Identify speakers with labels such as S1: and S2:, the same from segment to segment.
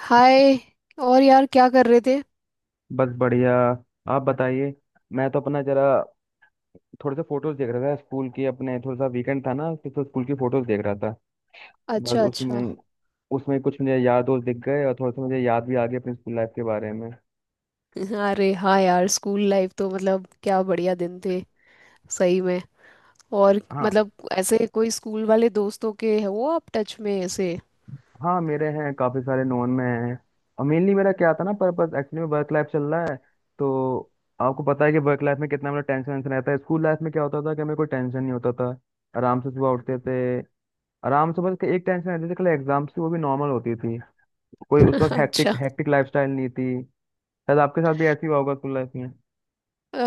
S1: हाय। और यार, क्या कर रहे थे?
S2: बस बढ़िया। आप बताइए। मैं तो अपना जरा थोड़े से फोटोज देख रहा था स्कूल के अपने। थोड़ा सा वीकेंड था ना, तो स्कूल की फोटोज देख रहा था। बस
S1: अच्छा, अच्छा।
S2: उसमें उसमें कुछ मुझे यार दोस्त दिख गए, और थोड़ा सा मुझे याद भी आ गया अपनी स्कूल लाइफ के बारे में।
S1: अरे हाँ यार, स्कूल लाइफ तो मतलब क्या बढ़िया दिन थे। सही में। और
S2: हाँ,
S1: मतलब ऐसे कोई स्कूल वाले दोस्तों के है, वो आप टच में ऐसे?
S2: हाँ मेरे हैं काफ़ी सारे, नॉन में हैं। और मेनली मेरा क्या था ना पर्पस, एक्चुअली में वर्क लाइफ चल रहा है, तो आपको पता है कि वर्क लाइफ में कितना मेरा टेंशन वेंशन रहता है। स्कूल लाइफ में क्या होता था कि हमें कोई टेंशन नहीं होता था। आराम से सुबह उठते थे। आराम से बस एक टेंशन रहती थी कल एग्जाम की, वो भी नॉर्मल होती थी। कोई उस वक्त हेक्टिक
S1: अच्छा।
S2: हेक्टिक लाइफस्टाइल नहीं थी। शायद आपके साथ भी ऐसी हुआ होगा स्कूल लाइफ में।
S1: अ,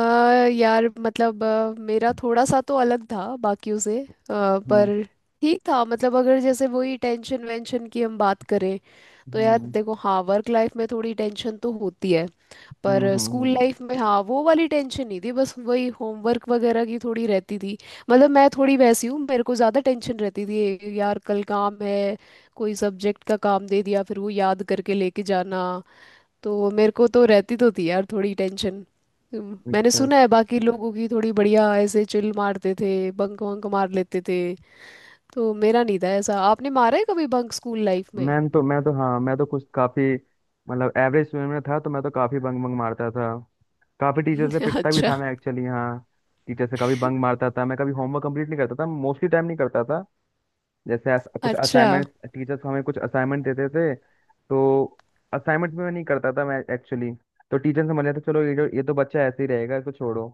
S1: यार मतलब मेरा थोड़ा सा तो अलग था बाकियों से
S2: हम्म,
S1: पर ठीक था। मतलब अगर जैसे वही टेंशन वेंशन की हम बात करें, तो यार
S2: हम्म,
S1: देखो, हाँ वर्क लाइफ में थोड़ी टेंशन तो होती है,
S2: हम्म,
S1: पर
S2: हम्म,
S1: स्कूल लाइफ में हाँ वो वाली टेंशन नहीं थी, बस वही होमवर्क वगैरह की थोड़ी रहती थी। मतलब मैं थोड़ी वैसी हूँ, मेरे को ज़्यादा टेंशन रहती थी यार, कल काम है, कोई सब्जेक्ट का काम दे दिया, फिर वो याद करके लेके जाना। तो मेरे को तो रहती तो थी यार थोड़ी टेंशन। मैंने
S2: अच्छा
S1: सुना है
S2: अच्छा।
S1: बाकी लोगों की थोड़ी बढ़िया ऐसे चिल मारते थे, बंक वंक मार लेते थे। तो मेरा नहीं था ऐसा। आपने मारा है कभी बंक स्कूल लाइफ में?
S2: मैं तो हाँ, मैं तो कुछ काफी एवरेज स्टूडेंट में था, तो मैं तो काफी बंग बंग मारता था। काफी टीचर से पिटता भी
S1: अच्छा,
S2: था मैं एक्चुअली, हाँ। टीचर से कभी बंग मारता था मैं, कभी होमवर्क कंप्लीट नहीं करता था, मोस्टली टाइम नहीं करता था। जैसे कुछ
S1: अच्छा।
S2: असाइनमेंट, टीचर्स हमें कुछ असाइनमेंट देते थे, तो असाइनमेंट में मैं नहीं करता था मैं एक्चुअली। तो टीचर समझ लेते चलो ये जो, ये तो बच्चा ऐसे ही रहेगा, इसको छोड़ो।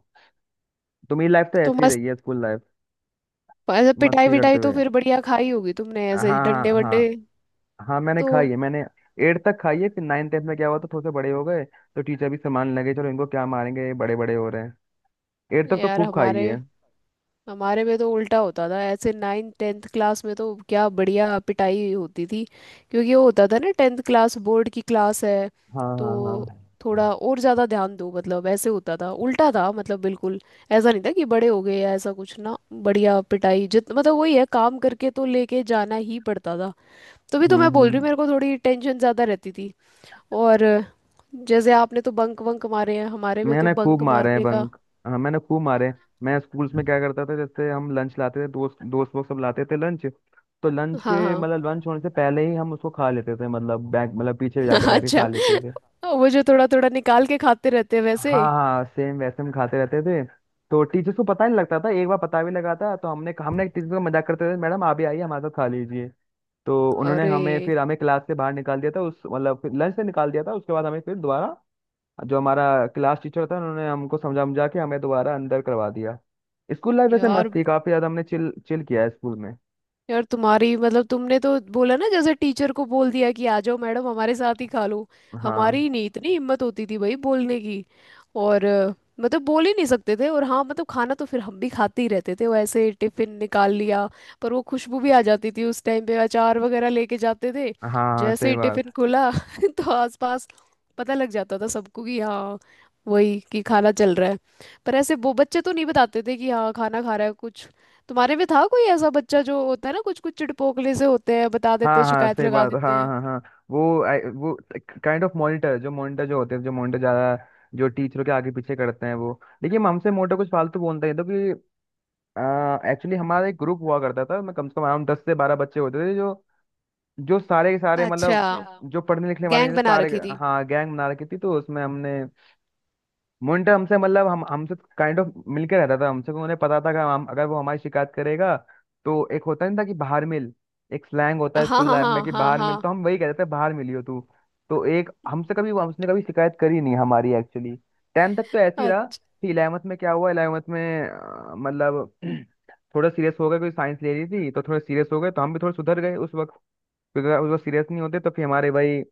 S2: तो मेरी लाइफ तो
S1: तो
S2: ऐसी
S1: मस्त।
S2: रही है स्कूल लाइफ,
S1: ऐसे पिटाई
S2: मस्ती करते
S1: विटाई तो
S2: हुए।
S1: फिर बढ़िया खाई होगी तुमने
S2: हाँ,
S1: ऐसे
S2: हाँ,
S1: डंडे वंडे।
S2: हाँ। हाँ मैंने खाई
S1: तो
S2: है, मैंने एट तक खाई है। फिर नाइन टेंथ में क्या हुआ, तो थोड़े से बड़े हो गए, तो टीचर भी संभालने लगे, चलो इनको क्या मारेंगे, ये बड़े बड़े हो रहे हैं। एट तक तो
S1: यार,
S2: खूब खाई
S1: हमारे
S2: है।
S1: हमारे में तो उल्टा होता था, ऐसे नाइन्थ टेंथ क्लास में तो क्या बढ़िया पिटाई होती थी। क्योंकि वो होता था ना, टेंथ क्लास बोर्ड की क्लास है,
S2: हाँ,
S1: तो
S2: हाँ, हाँ।
S1: थोड़ा और ज़्यादा ध्यान दो, मतलब ऐसे होता था। उल्टा था मतलब बिल्कुल। ऐसा नहीं था कि बड़े हो गए या ऐसा कुछ, ना बढ़िया पिटाई जित, मतलब वही है काम करके तो लेके जाना ही पड़ता था। तभी तो
S2: हम्म,
S1: मैं बोल रही हूँ
S2: हम्म।
S1: मेरे को थोड़ी टेंशन ज़्यादा रहती थी। और जैसे आपने तो बंक वंक मारे हैं, हमारे में तो
S2: मैंने खूब
S1: बंक
S2: मारे हैं
S1: मारने का।
S2: बंक। हाँ मैंने खूब मारे हैं। मैं स्कूल्स में क्या करता था, जैसे हम लंच लाते थे, दोस्त दोस्त लोग सब लाते थे लंच। तो लंच
S1: हाँ,
S2: के
S1: हाँ।
S2: लंच होने से पहले ही हम उसको खा लेते थे, बैग पीछे जाके बैठ के खा
S1: अच्छा।
S2: लेते थे।
S1: वो जो थोड़ा थोड़ा निकाल के खाते रहते हैं वैसे।
S2: हाँ, हाँ, सेम वैसे हम खाते रहते थे। तो टीचर को पता नहीं लगता था। एक बार पता भी लगा था, तो हमने हमने टीचर को मजाक करते थे, मैडम आप भी आइए हमारे साथ खा लीजिए। तो उन्होंने
S1: अरे
S2: हमें फिर हमें क्लास से बाहर निकाल दिया था, उस मतलब फिर लंच से निकाल दिया था। उसके बाद हमें फिर दोबारा, जो हमारा क्लास टीचर था, उन्होंने हमको समझा समझा के हमें दोबारा अंदर करवा दिया। स्कूल लाइफ वैसे मस्त
S1: यार,
S2: थी, काफी ज्यादा हमने चिल चिल किया है स्कूल में।
S1: यार तुम्हारी मतलब तुमने तो बोला ना, जैसे टीचर को बोल दिया कि आ जाओ मैडम हमारे साथ ही खा लो।
S2: हाँ,
S1: हमारी नहीं इतनी हिम्मत होती थी भाई बोलने की। और मतलब बोल ही नहीं सकते थे, और हाँ मतलब खाना तो फिर हम भी खाते ही रहते थे, वो ऐसे टिफिन निकाल लिया। पर वो खुशबू भी आ जाती थी, उस टाइम पे अचार वगैरह लेके जाते थे।
S2: हाँ, हाँ,
S1: जैसे
S2: सही
S1: ही टिफिन
S2: बात,
S1: खुला तो आसपास पता लग जाता था सबको कि हाँ, वही कि खाना चल रहा है। पर ऐसे वो बच्चे तो नहीं बताते थे कि हाँ खाना खा रहा है कुछ। तुम्हारे में था कोई ऐसा बच्चा जो होता है ना, कुछ कुछ चिड़पोकले से होते हैं, बता देते
S2: हाँ,
S1: हैं,
S2: हाँ,
S1: शिकायत
S2: सही
S1: लगा
S2: बात,
S1: देते
S2: हाँ,
S1: हैं?
S2: हाँ, हाँ। वो काइंड ऑफ मॉनिटर, जो होते हैं, जो मॉनिटर ज्यादा जो टीचरों के आगे पीछे करते हैं, वो देखिए हम, हमसे मोटा कुछ फालतू बोलते हैं तो कि, एक्चुअली हमारा एक ग्रुप हुआ करता था, मैं कम से कम हम 10 से 12 बच्चे होते थे, जो, जो सारे के सारे
S1: अच्छा।
S2: जो पढ़ने लिखने वाले
S1: गैंग
S2: थे
S1: बना
S2: सारे।
S1: रखी थी।
S2: हाँ गैंग बना रखी थी, तो उसमें हमने मुंटा हमसे हम हमसे काइंड ऑफ मिलके रहता था। हमसे उन्हें पता था कि हम, अगर वो हमारी शिकायत करेगा तो एक होता नहीं था कि बाहर मिल। एक स्लैंग होता है
S1: हाँ,
S2: स्कूल
S1: हाँ,
S2: लाइफ में
S1: हाँ,
S2: कि
S1: हाँ,
S2: बाहर मिल,
S1: हाँ।
S2: तो हम वही कहते थे बाहर मिली हो तू। तो एक हमसे कभी उसने कभी शिकायत करी नहीं हमारी एक्चुअली। टेंथ तक तो ऐसे ही रहा।
S1: अ-
S2: फिर इलेवंथ में क्या हुआ, इलेवंथ में अ, मतलब थोड़ा सीरियस हो गए क्योंकि साइंस ले रही थी, तो थोड़ा सीरियस हो गए, तो हम भी थोड़ा सुधर गए उस वक्त। क्योंकि अगर उस वक्त सीरियस नहीं होते तो फिर हमारे भाई,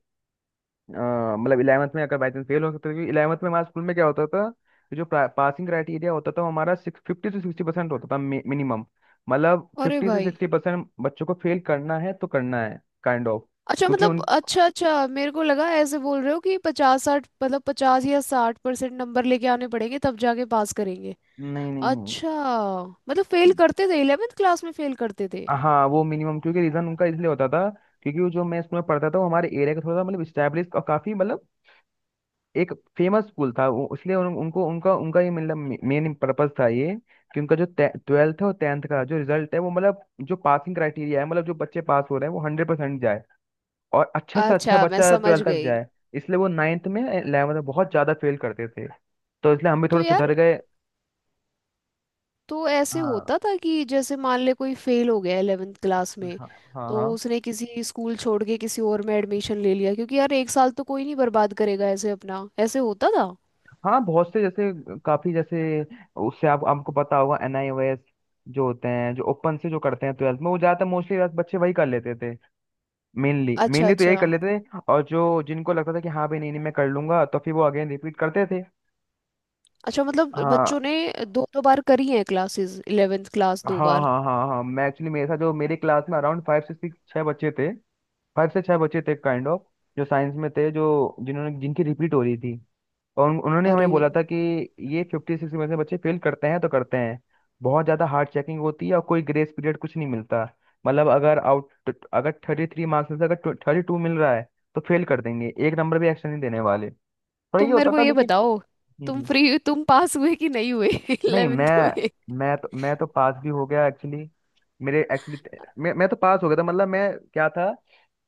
S2: इलेवंथ में अगर बाई चांस फेल हो सकता था। क्योंकि इलेवंथ में हमारे स्कूल में क्या होता था कि जो पासिंग क्राइटेरिया होता था वो हमारा, सिक्स 50 से 60% होता था मिनिमम।
S1: अरे
S2: फिफ्टी से
S1: भाई।
S2: सिक्सटी परसेंट बच्चों को फेल करना है तो करना है, काइंड ऑफ।
S1: अच्छा
S2: क्योंकि
S1: मतलब,
S2: उन
S1: अच्छा, अच्छा, मेरे को लगा ऐसे बोल रहे हो कि 50 60, मतलब 50 या 60% नंबर लेके आने पड़ेंगे, तब जाके पास करेंगे।
S2: नहीं, नहीं, नहीं।
S1: अच्छा मतलब फेल करते थे? इलेवेंथ क्लास में फेल करते थे?
S2: हाँ वो मिनिमम, क्योंकि रीज़न उनका इसलिए होता था, क्योंकि वो जो मैं स्कूल में पढ़ता था, वो हमारे एरिया का थोड़ा सा स्टैब्लिश और काफ़ी एक फेमस स्कूल था वो। इसलिए उनको उनका उनका ये मेन पर्पस था ये, कि उनका जो ट्वेल्थ और टेंथ का जो रिजल्ट है वो जो पासिंग क्राइटेरिया है, जो बच्चे पास हो रहे हैं वो 100% जाए, और अच्छा से अच्छा
S1: अच्छा, मैं
S2: बच्चा
S1: समझ
S2: ट्वेल्थ तक
S1: गई।
S2: जाए। इसलिए वो नाइन्थ में इलेवंथ में बहुत ज्यादा फेल करते थे। तो इसलिए हम भी
S1: तो
S2: थोड़े
S1: यार,
S2: सुधर गए।
S1: तो ऐसे
S2: हाँ,
S1: होता था कि जैसे मान ले कोई फेल हो गया 11th क्लास में,
S2: हाँ, हाँ,
S1: तो
S2: हाँ।
S1: उसने किसी स्कूल छोड़ के किसी और में एडमिशन ले लिया, क्योंकि यार एक साल तो कोई नहीं बर्बाद करेगा ऐसे अपना। ऐसे होता था।
S2: हाँ, बहुत से जैसे, काफी जैसे, उससे आप आपको पता होगा एनआईओएस जो होते हैं, जो ओपन से जो करते हैं ट्वेल्थ में, वो ज्यादातर मोस्टली बच्चे वही कर लेते थे। मेनली
S1: अच्छा,
S2: मेनली तो यही
S1: अच्छा।
S2: कर लेते थे, और जो जिनको लगता था कि हाँ भाई, नहीं, नहीं, मैं कर लूंगा, तो फिर वो अगेन रिपीट करते थे।
S1: अच्छा मतलब बच्चों
S2: हाँ,
S1: ने दो दो बार करी है क्लासेस, 11th क्लास
S2: हाँ,
S1: 2 बार?
S2: हाँ, हाँ। हाँ मैं एक्चुअली, मेरे साथ जो मेरे क्लास में अराउंड 5 से 6 बच्चे थे, 5 से 6 बच्चे थे काइंड ऑफ, जो साइंस में थे, जो जिन्होंने जिनकी रिपीट हो रही थी। और उन्होंने हमें
S1: अरे
S2: बोला था कि ये 56 में से बच्चे फेल करते हैं तो करते हैं। बहुत ज़्यादा हार्ड चेकिंग होती है, और कोई ग्रेस पीरियड कुछ नहीं मिलता। अगर आउट अगर 33 मार्क्स में से अगर 32 मिल रहा है, तो फेल कर देंगे, एक नंबर भी एक्स्ट्रा नहीं देने वाले। पर ये
S1: तुम मेरे
S2: होता
S1: को
S2: था
S1: ये
S2: लेकिन।
S1: बताओ,
S2: हम्म,
S1: तुम पास हुए कि नहीं हुए
S2: नहीं,
S1: 11th में?
S2: मैं तो पास भी हो गया एक्चुअली। मेरे एक्चुअली मैं तो पास हो गया था, मैं क्या था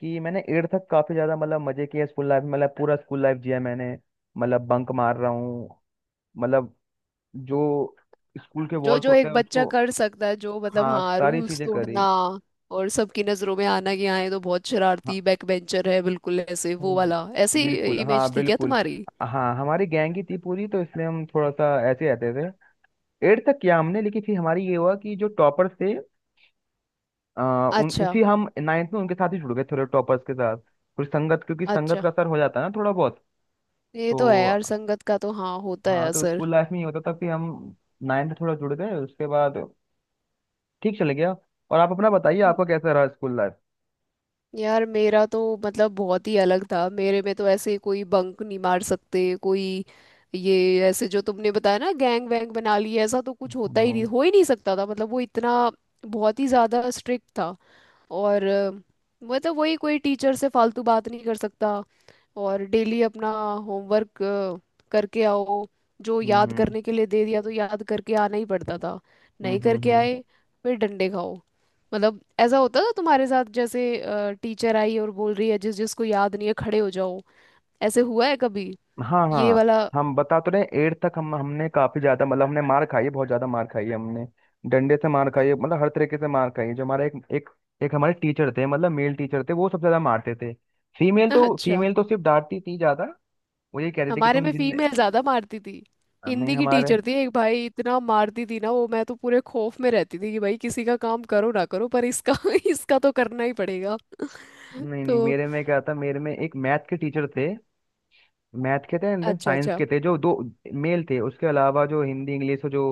S2: कि मैंने एट तक काफी ज्यादा मजे किए स्कूल लाइफ में, पूरा स्कूल लाइफ जिया मैंने। बंक मार रहा हूँ, मतलब जो स्कूल के
S1: जो
S2: वॉल्स
S1: जो
S2: होते
S1: एक
S2: हैं
S1: बच्चा
S2: उसको,
S1: कर सकता है, जो मतलब
S2: हाँ
S1: हाँ
S2: सारी
S1: रूल्स
S2: चीजें करी।
S1: तोड़ना, और सबकी नजरों में आना कि हाँ ये तो बहुत
S2: हाँ,
S1: शरारती बैक बेंचर है, बिल्कुल ऐसे
S2: हाँ,
S1: वो वाला, ऐसी
S2: बिल्कुल, हाँ
S1: इमेज थी क्या
S2: बिल्कुल।
S1: तुम्हारी?
S2: हाँ हमारी गैंग ही थी पूरी, तो इसलिए हम थोड़ा सा ऐसे रहते थे। एट तक किया हमने, लेकिन फिर हमारी ये हुआ कि जो टॉपर्स थे, उन
S1: अच्छा,
S2: फिर हम नाइन्थ में उनके साथ ही जुड़ गए, थोड़े टॉपर्स के साथ। फिर संगत, क्योंकि संगत
S1: अच्छा।
S2: का असर हो जाता है ना थोड़ा बहुत।
S1: ये
S2: तो
S1: तो है यार, संगत का तो हाँ होता है
S2: हाँ, तो
S1: असर।
S2: स्कूल लाइफ में ये होता था कि हम नाइन्थ में थोड़ा जुड़ गए, उसके बाद ठीक चले गया। और आप अपना बताइए,
S1: म-
S2: आपका कैसा रहा स्कूल लाइफ।
S1: यार मेरा तो मतलब बहुत ही अलग था। मेरे में तो ऐसे कोई बंक नहीं मार सकते कोई, ये ऐसे जो तुमने बताया ना गैंग वैंग बना ली, ऐसा तो कुछ होता ही नहीं,
S2: हम्म,
S1: हो ही नहीं सकता था। मतलब वो इतना बहुत ही ज्यादा स्ट्रिक्ट था। और मतलब वही कोई टीचर से फालतू बात नहीं कर सकता, और डेली अपना होमवर्क करके आओ। जो याद
S2: हम्म,
S1: करने के लिए दे दिया तो याद करके आना ही पड़ता था,
S2: हम्म,
S1: नहीं
S2: हम्म,
S1: करके
S2: हम्म।
S1: आए फिर डंडे खाओ। मतलब ऐसा होता था तुम्हारे साथ जैसे, टीचर आई और बोल रही है जिस जिसको याद नहीं है खड़े हो जाओ, ऐसे हुआ है कभी,
S2: हाँ,
S1: ये
S2: हाँ,
S1: वाला?
S2: हम बता तो रहे हैं, एट तक हम, हमने काफी ज्यादा हमने मार खाई है, बहुत ज्यादा मार खाई है हमने। डंडे से मार खाई है, हर तरीके से मार खाई है। जो हमारे एक एक एक हमारे टीचर थे, मेल टीचर थे, वो सबसे ज्यादा मारते थे।
S1: अच्छा।
S2: फीमेल तो सिर्फ डांटती थी ज्यादा। वो ये कह रही थी कि
S1: हमारे
S2: तुम
S1: में
S2: जिन,
S1: फीमेल ज्यादा मारती थी,
S2: नहीं
S1: हिंदी की
S2: हमारे
S1: टीचर थी एक भाई, इतना मारती थी ना वो, मैं तो पूरे खौफ में रहती थी कि भाई किसी का काम करो ना करो पर इसका इसका तो करना ही पड़ेगा।
S2: नहीं, नहीं
S1: तो
S2: मेरे में क्या था, मेरे में एक मैथ के टीचर थे। मैथ के थे एंड देन
S1: अच्छा,
S2: साइंस
S1: अच्छा।
S2: के थे, जो दो मेल थे। उसके अलावा जो हिंदी इंग्लिश और जो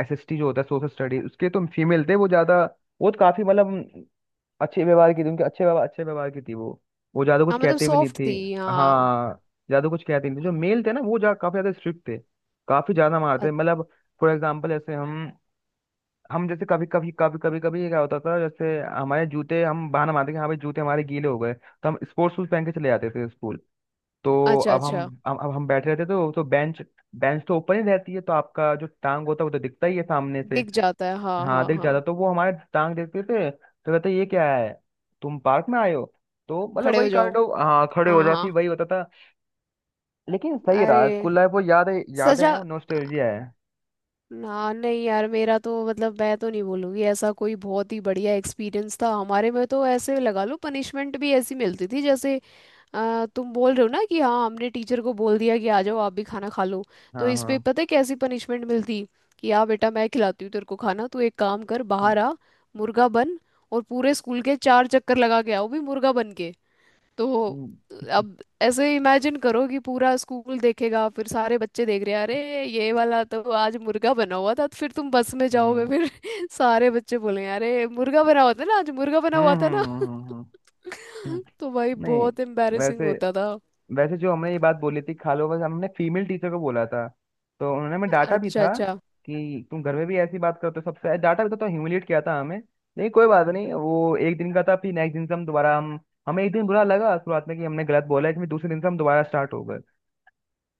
S2: एसएसटी जो होता है सोशल स्टडी, उसके तो फीमेल थे वो ज्यादा। वो तो काफी अच्छे व्यवहार की थी। उनके अच्छे व्यवहार की थी वो ज्यादा कुछ
S1: हाँ मतलब
S2: कहते भी नहीं
S1: सॉफ्ट
S2: थी।
S1: थी, हाँ।
S2: हाँ, ज्यादा कुछ कहते नहीं थे। जो मेल थे ना, वो जा काफी ज्यादा स्ट्रिक्ट थे, काफी ज्यादा मारते
S1: अ-
S2: थे। फॉर एग्जाम्पल, जैसे हम जैसे कभी कभी कभी कभी कभी ये क्या होता था, जैसे हमारे जूते, हम बहाना मारते कि हाँ भाई जूते हमारे गीले हो गए, तो हम स्पोर्ट्स शूज पहन के चले जाते थे स्कूल। तो
S1: अच्छा,
S2: अब हम
S1: अच्छा।
S2: अब हम बैठे रहते, तो बेंच, बेंच तो ऊपर ही रहती है, तो आपका जो टांग होता है, वो तो दिखता ही है सामने से।
S1: दिख जाता है हाँ,
S2: हाँ
S1: हाँ,
S2: दिख
S1: हाँ।
S2: जाता, तो वो हमारे टांग देखते थे, तो कहते ये क्या है, तुम पार्क में आए हो। तो
S1: खड़े हो
S2: वही
S1: जाओ।
S2: कांड हो, हाँ खड़े हो
S1: हाँ,
S2: जाती,
S1: हाँ।
S2: वही होता था। लेकिन सही रहा
S1: अरे
S2: स्कूल लाइफ, वो यादें यादें
S1: सजा।
S2: हैं, वो नॉस्टैल्जिया है।
S1: ना नहीं यार, मेरा तो मतलब मैं तो नहीं बोलूंगी ऐसा कोई बहुत ही बढ़िया एक्सपीरियंस था। हमारे में तो ऐसे लगा लो, पनिशमेंट भी ऐसी मिलती थी जैसे, तुम बोल रहे हो ना कि हाँ हमने टीचर को बोल दिया कि आ जाओ आप भी खाना खा लो, तो
S2: हाँ,
S1: इस पे
S2: हाँ,
S1: पता है कैसी पनिशमेंट मिलती? कि आ बेटा, मैं खिलाती हूँ तेरे को खाना, तू एक काम कर बाहर
S2: हम्म,
S1: आ, मुर्गा बन और पूरे स्कूल के 4 चक्कर लगा के आओ भी मुर्गा बन के। तो
S2: हम्म,
S1: अब ऐसे इमेजिन करो कि पूरा स्कूल देखेगा, फिर सारे बच्चे देख रहे हैं अरे ये वाला तो आज मुर्गा बना हुआ था, तो फिर तुम बस में जाओगे
S2: हम्म,
S1: फिर सारे बच्चे बोलेंगे अरे मुर्गा बना हुआ था ना, आज मुर्गा बना
S2: हम्म,
S1: हुआ था ना।
S2: हम्म।
S1: तो भाई
S2: नहीं,
S1: बहुत एम्बैरेसिंग
S2: वैसे
S1: होता था।
S2: वैसे जो हमने ये बात बोली थी खालो, बस हमने फीमेल टीचर को बोला था, तो उन्होंने हमें डांटा भी
S1: अच्छा,
S2: था
S1: अच्छा।
S2: कि तुम घर में भी ऐसी बात करते हो, सबसे डांटा भी था, तो ह्यूमिलेट किया था हमें। लेकिन कोई बात नहीं, वो एक दिन का था, फिर नेक्स्ट दिन से हम दोबारा हम हमें एक दिन बुरा लगा शुरुआत में कि हमने गलत बोला है, फिर दूसरे दिन से हम दोबारा स्टार्ट हो गए।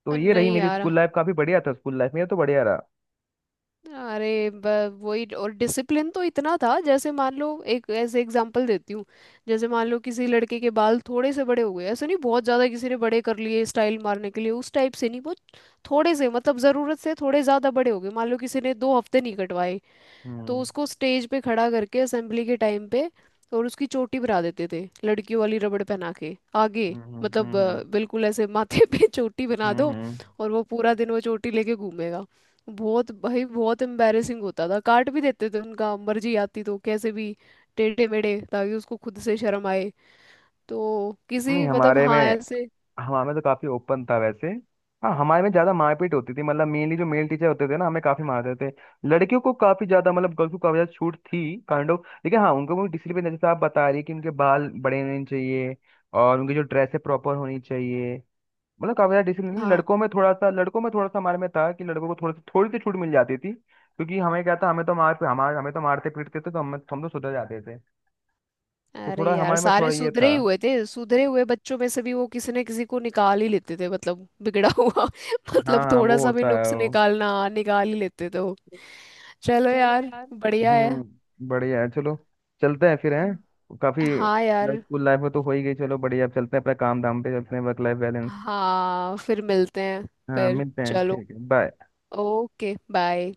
S2: तो ये रही
S1: नहीं
S2: मेरी
S1: यार,
S2: स्कूल लाइफ, काफी बढ़िया था स्कूल लाइफ, मेरा तो बढ़िया रहा।
S1: अरे वही, और डिसिप्लिन तो इतना था जैसे मान लो, एक ऐसे एग्जांपल देती हूँ। जैसे मान लो किसी लड़के के बाल थोड़े से बड़े हो गए, ऐसे नहीं बहुत ज़्यादा किसी ने बड़े कर लिए स्टाइल मारने के लिए उस टाइप से नहीं, बहुत थोड़े से मतलब, ज़रूरत से थोड़े ज़्यादा बड़े हो गए, मान लो किसी ने 2 हफ्ते नहीं कटवाए, तो
S2: हम्म,
S1: उसको स्टेज पे खड़ा करके असेंबली के टाइम पे और उसकी चोटी भरा देते थे, लड़कियों वाली रबड़ पहना के आगे।
S2: हम्म, हम्म,
S1: मतलब
S2: हम्म, हम्म,
S1: बिल्कुल ऐसे माथे पे चोटी बना
S2: हम्म,
S1: दो,
S2: हम्म।
S1: और वो पूरा दिन वो चोटी लेके घूमेगा। बहुत भाई बहुत एम्बैरेसिंग होता था। काट भी देते थे उनका मर्जी आती तो, कैसे भी टेढ़े मेढ़े, ताकि उसको खुद से शर्म आए। तो
S2: नहीं
S1: किसी मतलब
S2: हमारे में
S1: हाँ, ऐसे।
S2: हमारे में तो काफी ओपन था वैसे। हाँ हमारे में ज्यादा मारपीट होती थी, मेनली जो मेल टीचर होते थे ना हमें काफी मारते थे। लड़कियों को काफी ज्यादा गर्ल्स को काफी ज्यादा छूट थी काइंड ऑफ। लेकिन हाँ उनको भी डिसिप्लिन, जैसे आप बता रही है कि उनके बाल बड़े होने चाहिए, और उनकी जो ड्रेस है प्रॉपर होनी चाहिए। काफी ज्यादा डिसिप्लिन।
S1: हाँ।
S2: लड़कों में थोड़ा सा हमारे में था कि लड़कों को थोड़ी सी छूट मिल जाती थी, क्योंकि हमें क्या था, हमें तो मारते पीटते थे, तो हम तो सुधर जाते थे। तो
S1: अरे
S2: थोड़ा
S1: यार,
S2: हमारे में थोड़ा
S1: सारे
S2: ये
S1: सुधरे
S2: था।
S1: ही हुए थे, सुधरे हुए बच्चों में से भी वो किसी न किसी को निकाल ही लेते थे मतलब, बिगड़ा हुआ
S2: हाँ,
S1: मतलब
S2: हाँ,
S1: थोड़ा
S2: वो
S1: सा भी
S2: होता है
S1: नुक्स
S2: वो।
S1: निकालना निकाल ही लेते थे वो। चलो यार, बढ़िया है।
S2: हम्म, बढ़िया है, चलो चलते हैं फिर। हैं काफी
S1: हाँ यार।
S2: स्कूल लाइफ में तो हो ही गई, चलो बढ़िया, अब चलते हैं अपने काम धाम पे, चलते हैं वर्क लाइफ बैलेंस।
S1: हाँ फिर मिलते हैं।
S2: हाँ
S1: फिर
S2: मिलते हैं,
S1: चलो,
S2: ठीक है, बाय।
S1: Okay bye.